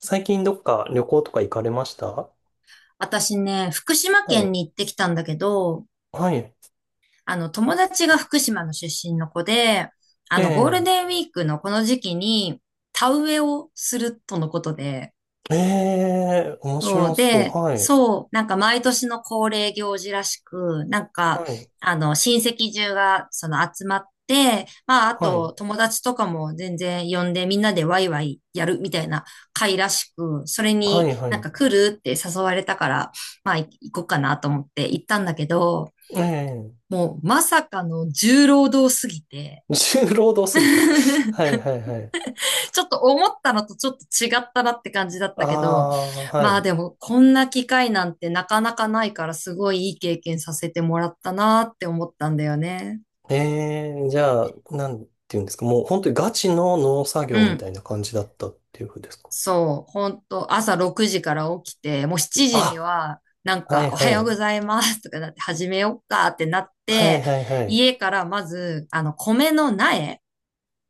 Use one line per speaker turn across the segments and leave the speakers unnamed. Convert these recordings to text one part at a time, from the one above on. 最近どっか旅行とか行かれましたは、
私ね、福島
い。
県に行ってきたんだけど、
はい。
友達が福島の出身の子で、
え
ゴールデン
え。
ウィークのこの時期に、田植えをするとのことで、
ええ、面白そう。はい。
そう、毎年の恒例行事らしく、
はい。
親戚中が集まって、まあ、あ
はい。
と友達とかも全然呼んでみんなでワイワイやるみたいな会らしく、それ
は
に
い、はい。
来るって誘われたから、まあ、行こうかなと思って行ったんだけど、
ええ。
もうまさかの重労働すぎて、
重労働すぎた。は い、はい、はい。
ちょっと思ったのとちょっと違ったなって感じだっ
あ
たけど、
あ、は
まあ
い。
でもこんな機会なんてなかなかないからすごいいい経験させてもらったなって思ったんだよね。
ええ、じゃあ、なんていうんですか。もう本当にガチの農作
う
業み
ん。
たいな感じだったっていうふうですか。
そう、ほんと、朝6時から起きて、もう7時に
あ、
は、
はい、
おは
は
ようご
い。
ざいますとかなって、始めよっかってなっ
はい、
て、
はい、はい。
家からまず、米の苗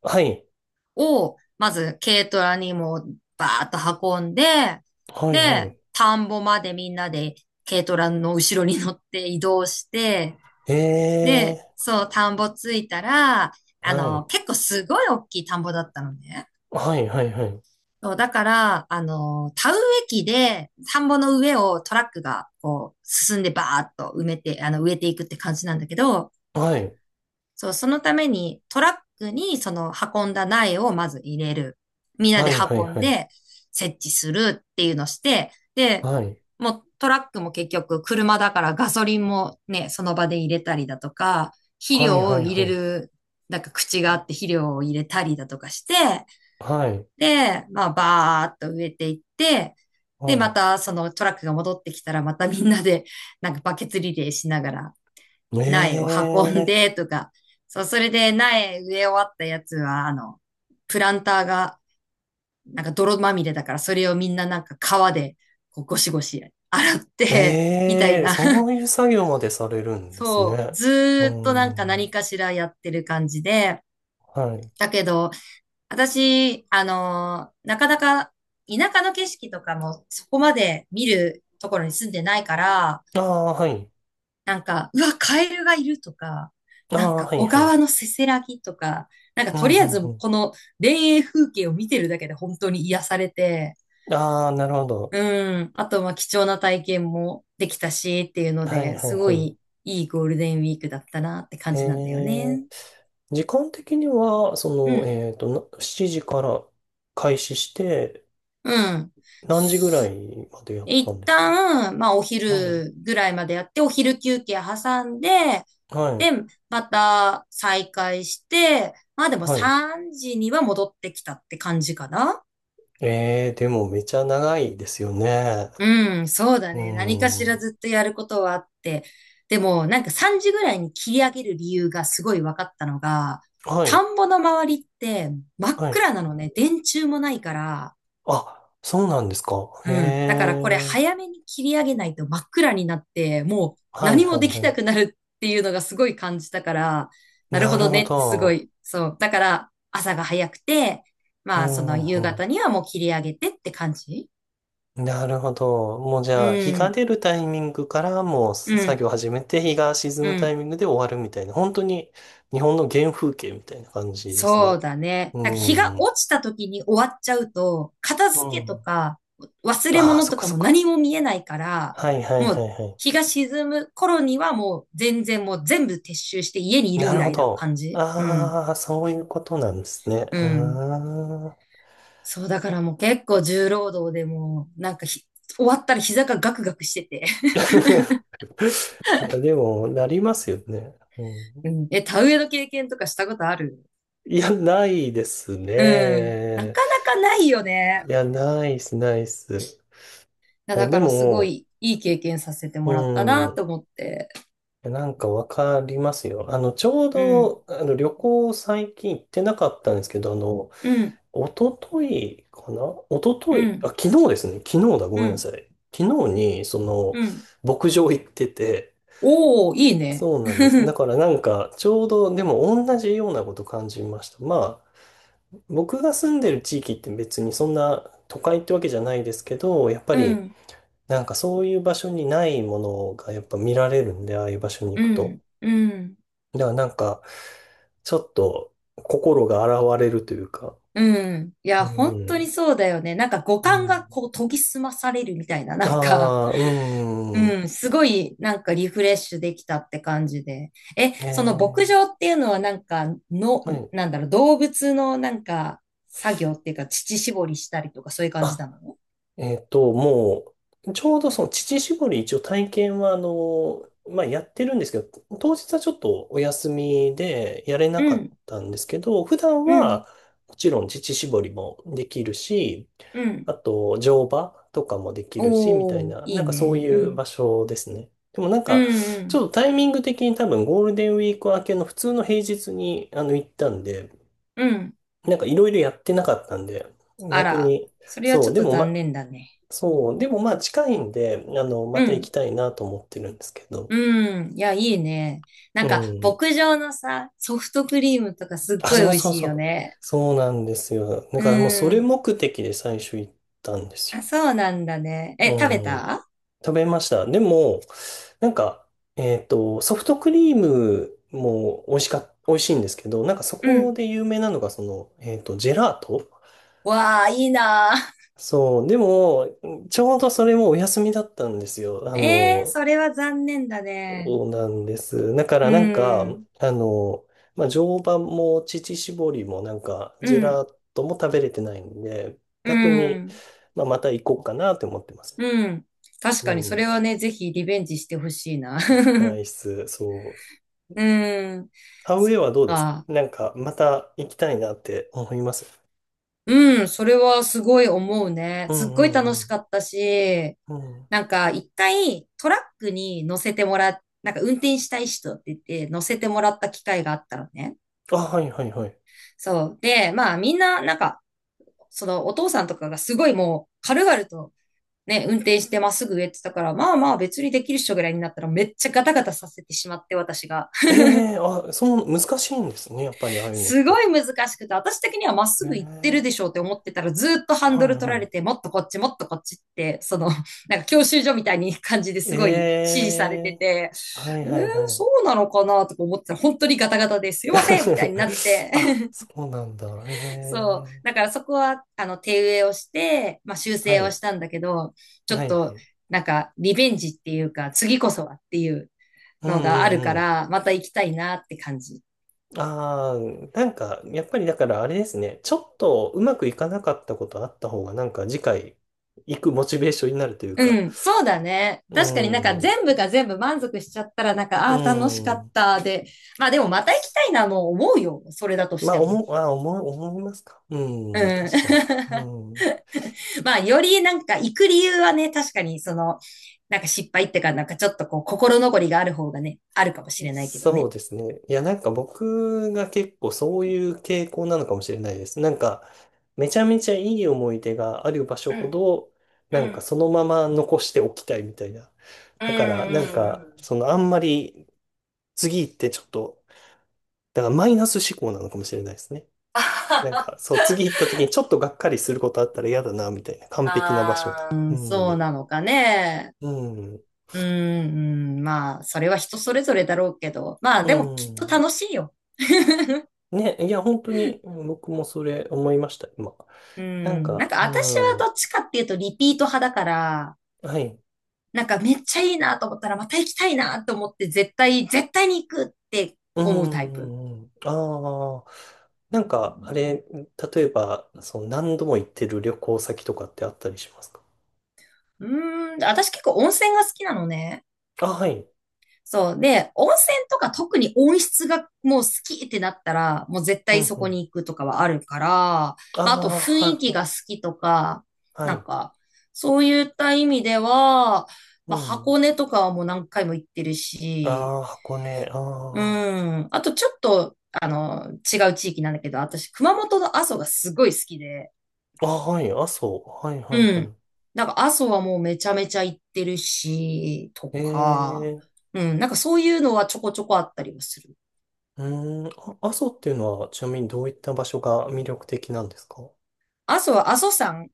はい。
を、まず軽トラにもうバーッと運んで、
はい、は
で、
い。
田んぼまでみんなで軽トラの後ろに乗って移動して、
え
で、
え、
そう、田んぼ着いたら、
はい。
結構すごい大きい田んぼだったのね。
はい、はい、はい。
そうだから、田植え機で田んぼの上をトラックがこう進んでバーッと埋めて、植えていくって感じなんだけど、
はい。
そう、そのためにトラックにその運んだ苗をまず入れる。みんな
は
で
いはい
運ん
はい。
で設置するっていうのして、で、
はい。
もうトラックも結局車だからガソリンもね、その場で入れたりだとか、肥
はい
料
は
を
い
入
は
れ
い。
る、口があって肥料を入れたりだとかして、
はい。
で、まあバーっと植えていって、
は
で、ま
い。
たそのトラックが戻ってきたらまたみんなでバケツリレーしながら苗を
え
運ん
え、
でとか、そう、それで苗植え終わったやつは、プランターが泥まみれだから、それをみんな川でこうゴシゴシ洗ってみたい
ええ、
な。
そう いう作業までされるんですね。
そう、ず
うー
ーっと
ん。
何かしらやってる感じで、
はい。
だけど、私、なかなか田舎の景色とかもそこまで見るところに住んでないから、
ああ、はい。
うわ、カエルがいるとか、
ああ、はい
小
はい。
川のせせらぎとか、
う
と
ん、
り
う
あえず、
ん、う
この田園風景を見てるだけで本当に癒されて、
ん。ああ、なるほど。
うん、あと、まあ、貴重な体験もできたし、っていうの
はい
で、
はい
すご
は
いいいゴールデンウィークだったなって感
い。え
じなんだよね。
え、時間的には、
う
の、
ん。
えっと、7時から開始して、
うん。
何時ぐらいまでやった
一
んですか？
旦、まあ、お
はい。
昼ぐらいまでやって、お昼休憩挟んで、
はい。
で、また再開して、まあでも
はい。
3時には戻ってきたって感じかな。
ええ、でもめちゃ長いですよね。
うん、そうだ
う
ね。何かし
ん。
ら
は
ずっとやることはあって。でも、3時ぐらいに切り上げる理由がすごい分かったのが、
い、
田んぼの周りって真っ
はい。
暗なのね。電柱もないから、
あ、そうなんですか。へ
うん。だからこれ
え。
早めに切り上げないと真っ暗になって、もう
はい、
何
は
も
い、
できな
は
くなるっていうのがすごい感じたから、
い。
なる
な
ほ
る
ど
ほ
ねってすご
ど。
い、そう。だから朝が早くて、
う
まあそ
ん、
の夕
う
方にはもう切り上げてって感じ。
ん。なるほど。もうじ
う
ゃあ、日が
ん、
出るタイミングからもう
う
作
ん、
業始めて、日が沈
う
むタ
ん。
イミングで終わるみたいな、本当に日本の原風景みたいな感じです
そう
ね。
だね。
う
なんか日が
ん。う
落ちた時に終わっちゃうと、片付けと
ん。
か忘れ
ああ、
物
そっ
と
か
か
そっ
も
か。
何も見えないから、
はい、はい、
も
はい、
う
はい。
日が沈む頃にはもう全然もう全部撤収して家にいる
な
ぐ
る
ら
ほ
いな感
ど。
じ。うん。
ああ、そういうことなんですね。
うん。
ああ。
そうだからもう結構重労働でもうなんかひ終わったら膝がガクガクしてて。
いや、でも、なりますよね。う ん、
うん。え、田植えの経験とかしたことある？
いや、ないです
うん。な
ね。
かなかないよね。
いや、ないっす、ないっす。い
いや
や、
だ
で
からすご
も、
いいい経験させてもらった
う
な
ん。い
と思って。
やなんかわかりますよ。ちょう
うん。
ど、旅行最近行ってなかったんですけど、
うん、
一昨日かな、一昨
う
日、あ、
ん、
昨日ですね。昨日だ。ご
う
めんな
ん、
さい。昨日に、その、
うん。
牧場行ってて、
おー、いいね。
そうなんです。だ からなんか、ちょうどでも同じようなこと感じました。まあ、僕が住んでる地域って別にそんな都会ってわけじゃないですけど、やっぱ
う
り
ん、
なんかそういう場所にないものがやっぱ見られるんで、ああいう場所に
う
行くと。
ん、うん、
だからなんか、ちょっと心が洗われるというか、
うん。い
う
や、本当に
ん、
そうだよね。五
う
感が
ん。
こう研ぎ澄まされるみたいな、
ああ、う
う
ん。
ん、すごいリフレッシュできたって感じで。え、
え
その牧
え、
場っていうのはなんか、の、
はい。
なんだろう、動物の作業っていうか、乳搾りしたりとかそういう感じな
あ、
の？
もう、ちょうどその乳搾り一応体験は、まあ、やってるんですけど、当日はちょっとお休みでやれな
う
かっ
ん、
たんですけど、普段
うん、
はもちろん乳搾りもできるし、
うん。
あと乗馬とかもできるし、みたい
おー、
な、
い
なん
い
かそう
ね。
い
う
う
ん、
場所ですね。でもなん
う
か、ち
ん、
ょっとタイミング的に多分ゴールデンウィーク明けの普通の平日に行ったんで、
うん、うん。
なんかいろいろやってなかったんで、
あ
逆
ら、
に、
それは
そ
ちょ
う、
っ
で
と
も
残
ま、
念だね。
そう、でもまあ近いんで、ま
う
た行き
ん。
たいなと思ってるんですけど。
うん。いや、いいね。な
う
んか、
ん。
牧場のさ、ソフトクリームとかすっ
あ、
ごい美
そう
味
そう
しい
そ
よ
う。
ね。
そうなんですよ。だ
う
からもうそれ
ん。
目的で最初行ったんです
あ、
よ。
そうなんだね。
う
え、食べ
ん。
た？
食べました。でも、なんか、ソフトクリームも美味しか、美味しいんですけど、なんかそ
う
こ
ん。
で有名なのがその、ジェラート。
わあ、いいなあ。
そう、でも、ちょうどそれもお休みだったんですよ。あ
ええー、
の、
それは残念だね。
そうなんです。だか
う
らなんか、
ん。
まあ、常磐も乳搾りもなんか、
う
ジェ
ん。
ラートも食べれてないんで、
う
逆に、
ん。
まあ、また行こうかなって思ってますね。
うん。確
う
かに、それ
ん。
はね、ぜひリベンジしてほしいな。
行きたい っす。そう。
うん。
ハウェ
そ
イ
っ
はどうですか？
か。
なんか、また行きたいなって思います。
うん、それはすごい思うね。
う
すっ
んう
ごい
んう
楽しか
ん。
ったし、
うん。
なんか一回トラックに乗せてもらっ、なんか運転したい人って言って乗せてもらった機会があったのね。
あ、はいはいはい。
そう。で、まあみんなそのお父さんとかがすごいもう軽々とね、運転してまっすぐ上って言ってたから、まあまあ別にできる人ぐらいになったらめっちゃガタガタさせてしまって私が。
ええ、あ、そう、難しいんですね。やっぱりああいうのっ
すご
て。
い難しくて、私的にはまっすぐ行ってる
え
で
え、
しょうって思ってたら、ずーっとハン
は
ド
い
ル取
は
られ
い。
て、もっとこっち、もっとこっちって、その、なんか教習所みたいに感じですごい指
え
示されて
え、
て、
はい
えー、
はいは
そ
い。
うなのかなとか思ってたら、本当にガタガタですいませんみたいになっ て、
あ、そうなんだ。
そう。
ええ。
だからそこは、手植えをして、まあ、修
は
正を
い。
したんだけど、ちょ
は
っ
いは
と、
い。
リベンジっていうか、次こそはっていう
うん
のがあ
う
るか
んうん。
ら、また行きたいなって感じ。
ああ、なんか、やっぱりだからあれですね。ちょっとうまくいかなかったことあった方が、なんか次回行くモチベーションになるというか。
うん、そうだね。確かに
うん。
全部が全部満足しちゃったらなんか、
う
ああー、楽しかっ
ん。
たで。まあでもまた行きたいなも思うよ。それだとし
ま
て
あ、
も。
思う、あ、思う、思いますか？うん、
うん。
確かに。うん。
まあより行く理由はね、確かにその、失敗ってか、ちょっとこう心残りがある方がね、あるかもしれないけど
そう
ね。
ですね。いや、なんか僕が結構そういう傾向なのかもしれないです。なんか、めちゃめちゃいい思い出がある場所
う
ほ
ん、
ど、な
う
んか
ん、
そのまま残しておきたいみたいな。
うん、
だから、なん
うん、う
か、
ん
そのあんまり次行ってちょっと、だからマイナス思考なのかもしれないですね。
あは
なん
は
か、そう、次行った時にちょっとがっかりすることあったら嫌だな、みたいな。完璧な場所で。
あーう
う
ん、そう
ん。
なのかね。
うん。
うーん、まあ、それは人それぞれだろうけど、まあ、
う
でもきっと
ん。
楽しいよ。
ね、いや、本当に、うん、僕もそれ思いました、今。
う
なん
ん、なん
か、
か私
う
は
ん、
どっちかっていうとリピート派だから、
はい。
なんかめっちゃいいなと思ったらまた行きたいなと思って絶対、絶対に行くって
う
思うタイプ。
ん、ああ、なんか、あれ、例えば、その何度も行ってる旅行先とかってあったりしますか？
うーん、私結構温泉が好きなのね。
あ、はい。
そう。で、温泉とか特に温室がもう好きってなったら、もう絶
う
対
ん、
そ
う
こ
ん。
に行くとかはあるから、
あ
まあ、あと
あ、
雰囲気
は
が好
い、
きとか、
は
なん
い。
か、そういった意味では、
う
まあ、
ん。
箱根とかはもう何回も行ってるし、
ああ、箱根、
う
あ
ん。あとちょっと、違う地域なんだけど、私、熊本の阿蘇がすごい好きで、
あ。あ、はい、阿蘇。はい、はい、
うん。
は
なんか阿蘇はもうめちゃめちゃ行ってるし、と
い。え
か、
え、
うん。なんかそういうのはちょこちょこあったりはする。
うん、あ、阿蘇っていうのは、ちなみにどういった場所が魅力的なんですか？
阿蘇は阿蘇山、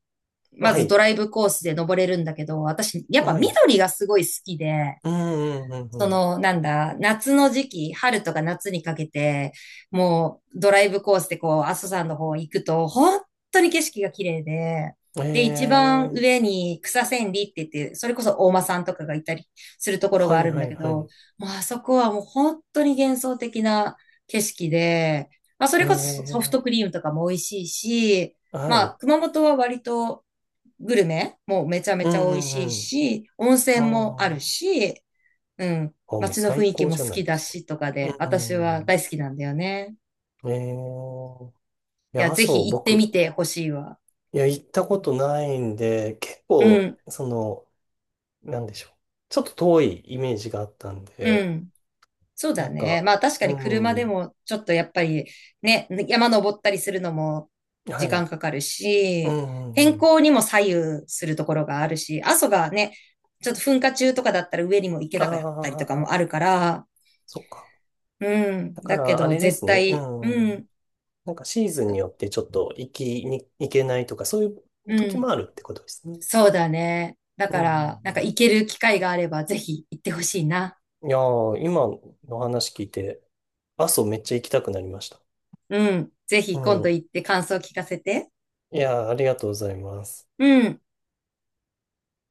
ま
は
ずド
い、
ライブコースで登れるんだけど、私、やっぱ
はい。
緑がすごい好きで、
うんうんう
そ
ん
の、なんだ、夏の時期、春とか夏にかけて、もうドライブコースでこう、阿蘇山の方行くと、本当に景色が綺麗で、
うん。
で、一番
え
上
え、
に草千里って言って、それこそ大間さんとかがいたりするところ
は
があ
い
るん
は
だ
い
け
は
ど、
い。
もうあそこはもう本当に幻想的な景色で、まあ、そ
え
れこそソフト
え、
クリームとかも美味しいし、
は
ま
い。
あ、熊本は割とグルメもめちゃめ
う
ちゃ美味
んう
しい
ん
し、温
うん。あ
泉もある
あ、
し、うん。
あ、もう
街の雰
最
囲気
高
も
じゃ
好
ない
き
で
だ
すか。
しとか
う
で、私
んう
は
ん、
大好きなんだよね。
ええ、い
い
や、
や、
阿
ぜ
蘇、
ひ行ってみ
僕、
てほしいわ。
いや、行ったことないんで、結
う
構、
ん、
その、なんでしょう。ちょっと遠いイメージがあったん
う
で、
ん。そう
な
だ
ん
ね。
か、
まあ確か
う
に車で
ん、
もちょっとやっぱりね、山登ったりするのも
は
時
い。
間かかる
う
し、
んうんう
天
ん。
候にも左右するところがあるし、阿蘇がね、ちょっと噴火中とかだったら上にも行け
あ
なかったりとかも
あ、
あるから、
そっか。
うん。
だか
だけ
ら、あ
ど
れで
絶
すね。う
対、う
ん。
ん、
なんかシーズン
そ
に
う
よってちょっと行きに行けないとか、そういう
う
時も
ん。
あるってことですね。
そうだね。だ
うん
か
う
ら、なんか
ん
行ける機会があれば、ぜひ行ってほしいな。
うん。いやー、今の話聞いて、阿蘇めっちゃ行きたくなりました。
うん。ぜ
う
ひ今度
ん。
行って感想聞かせて。
いやー、ありがとうございます。
うん。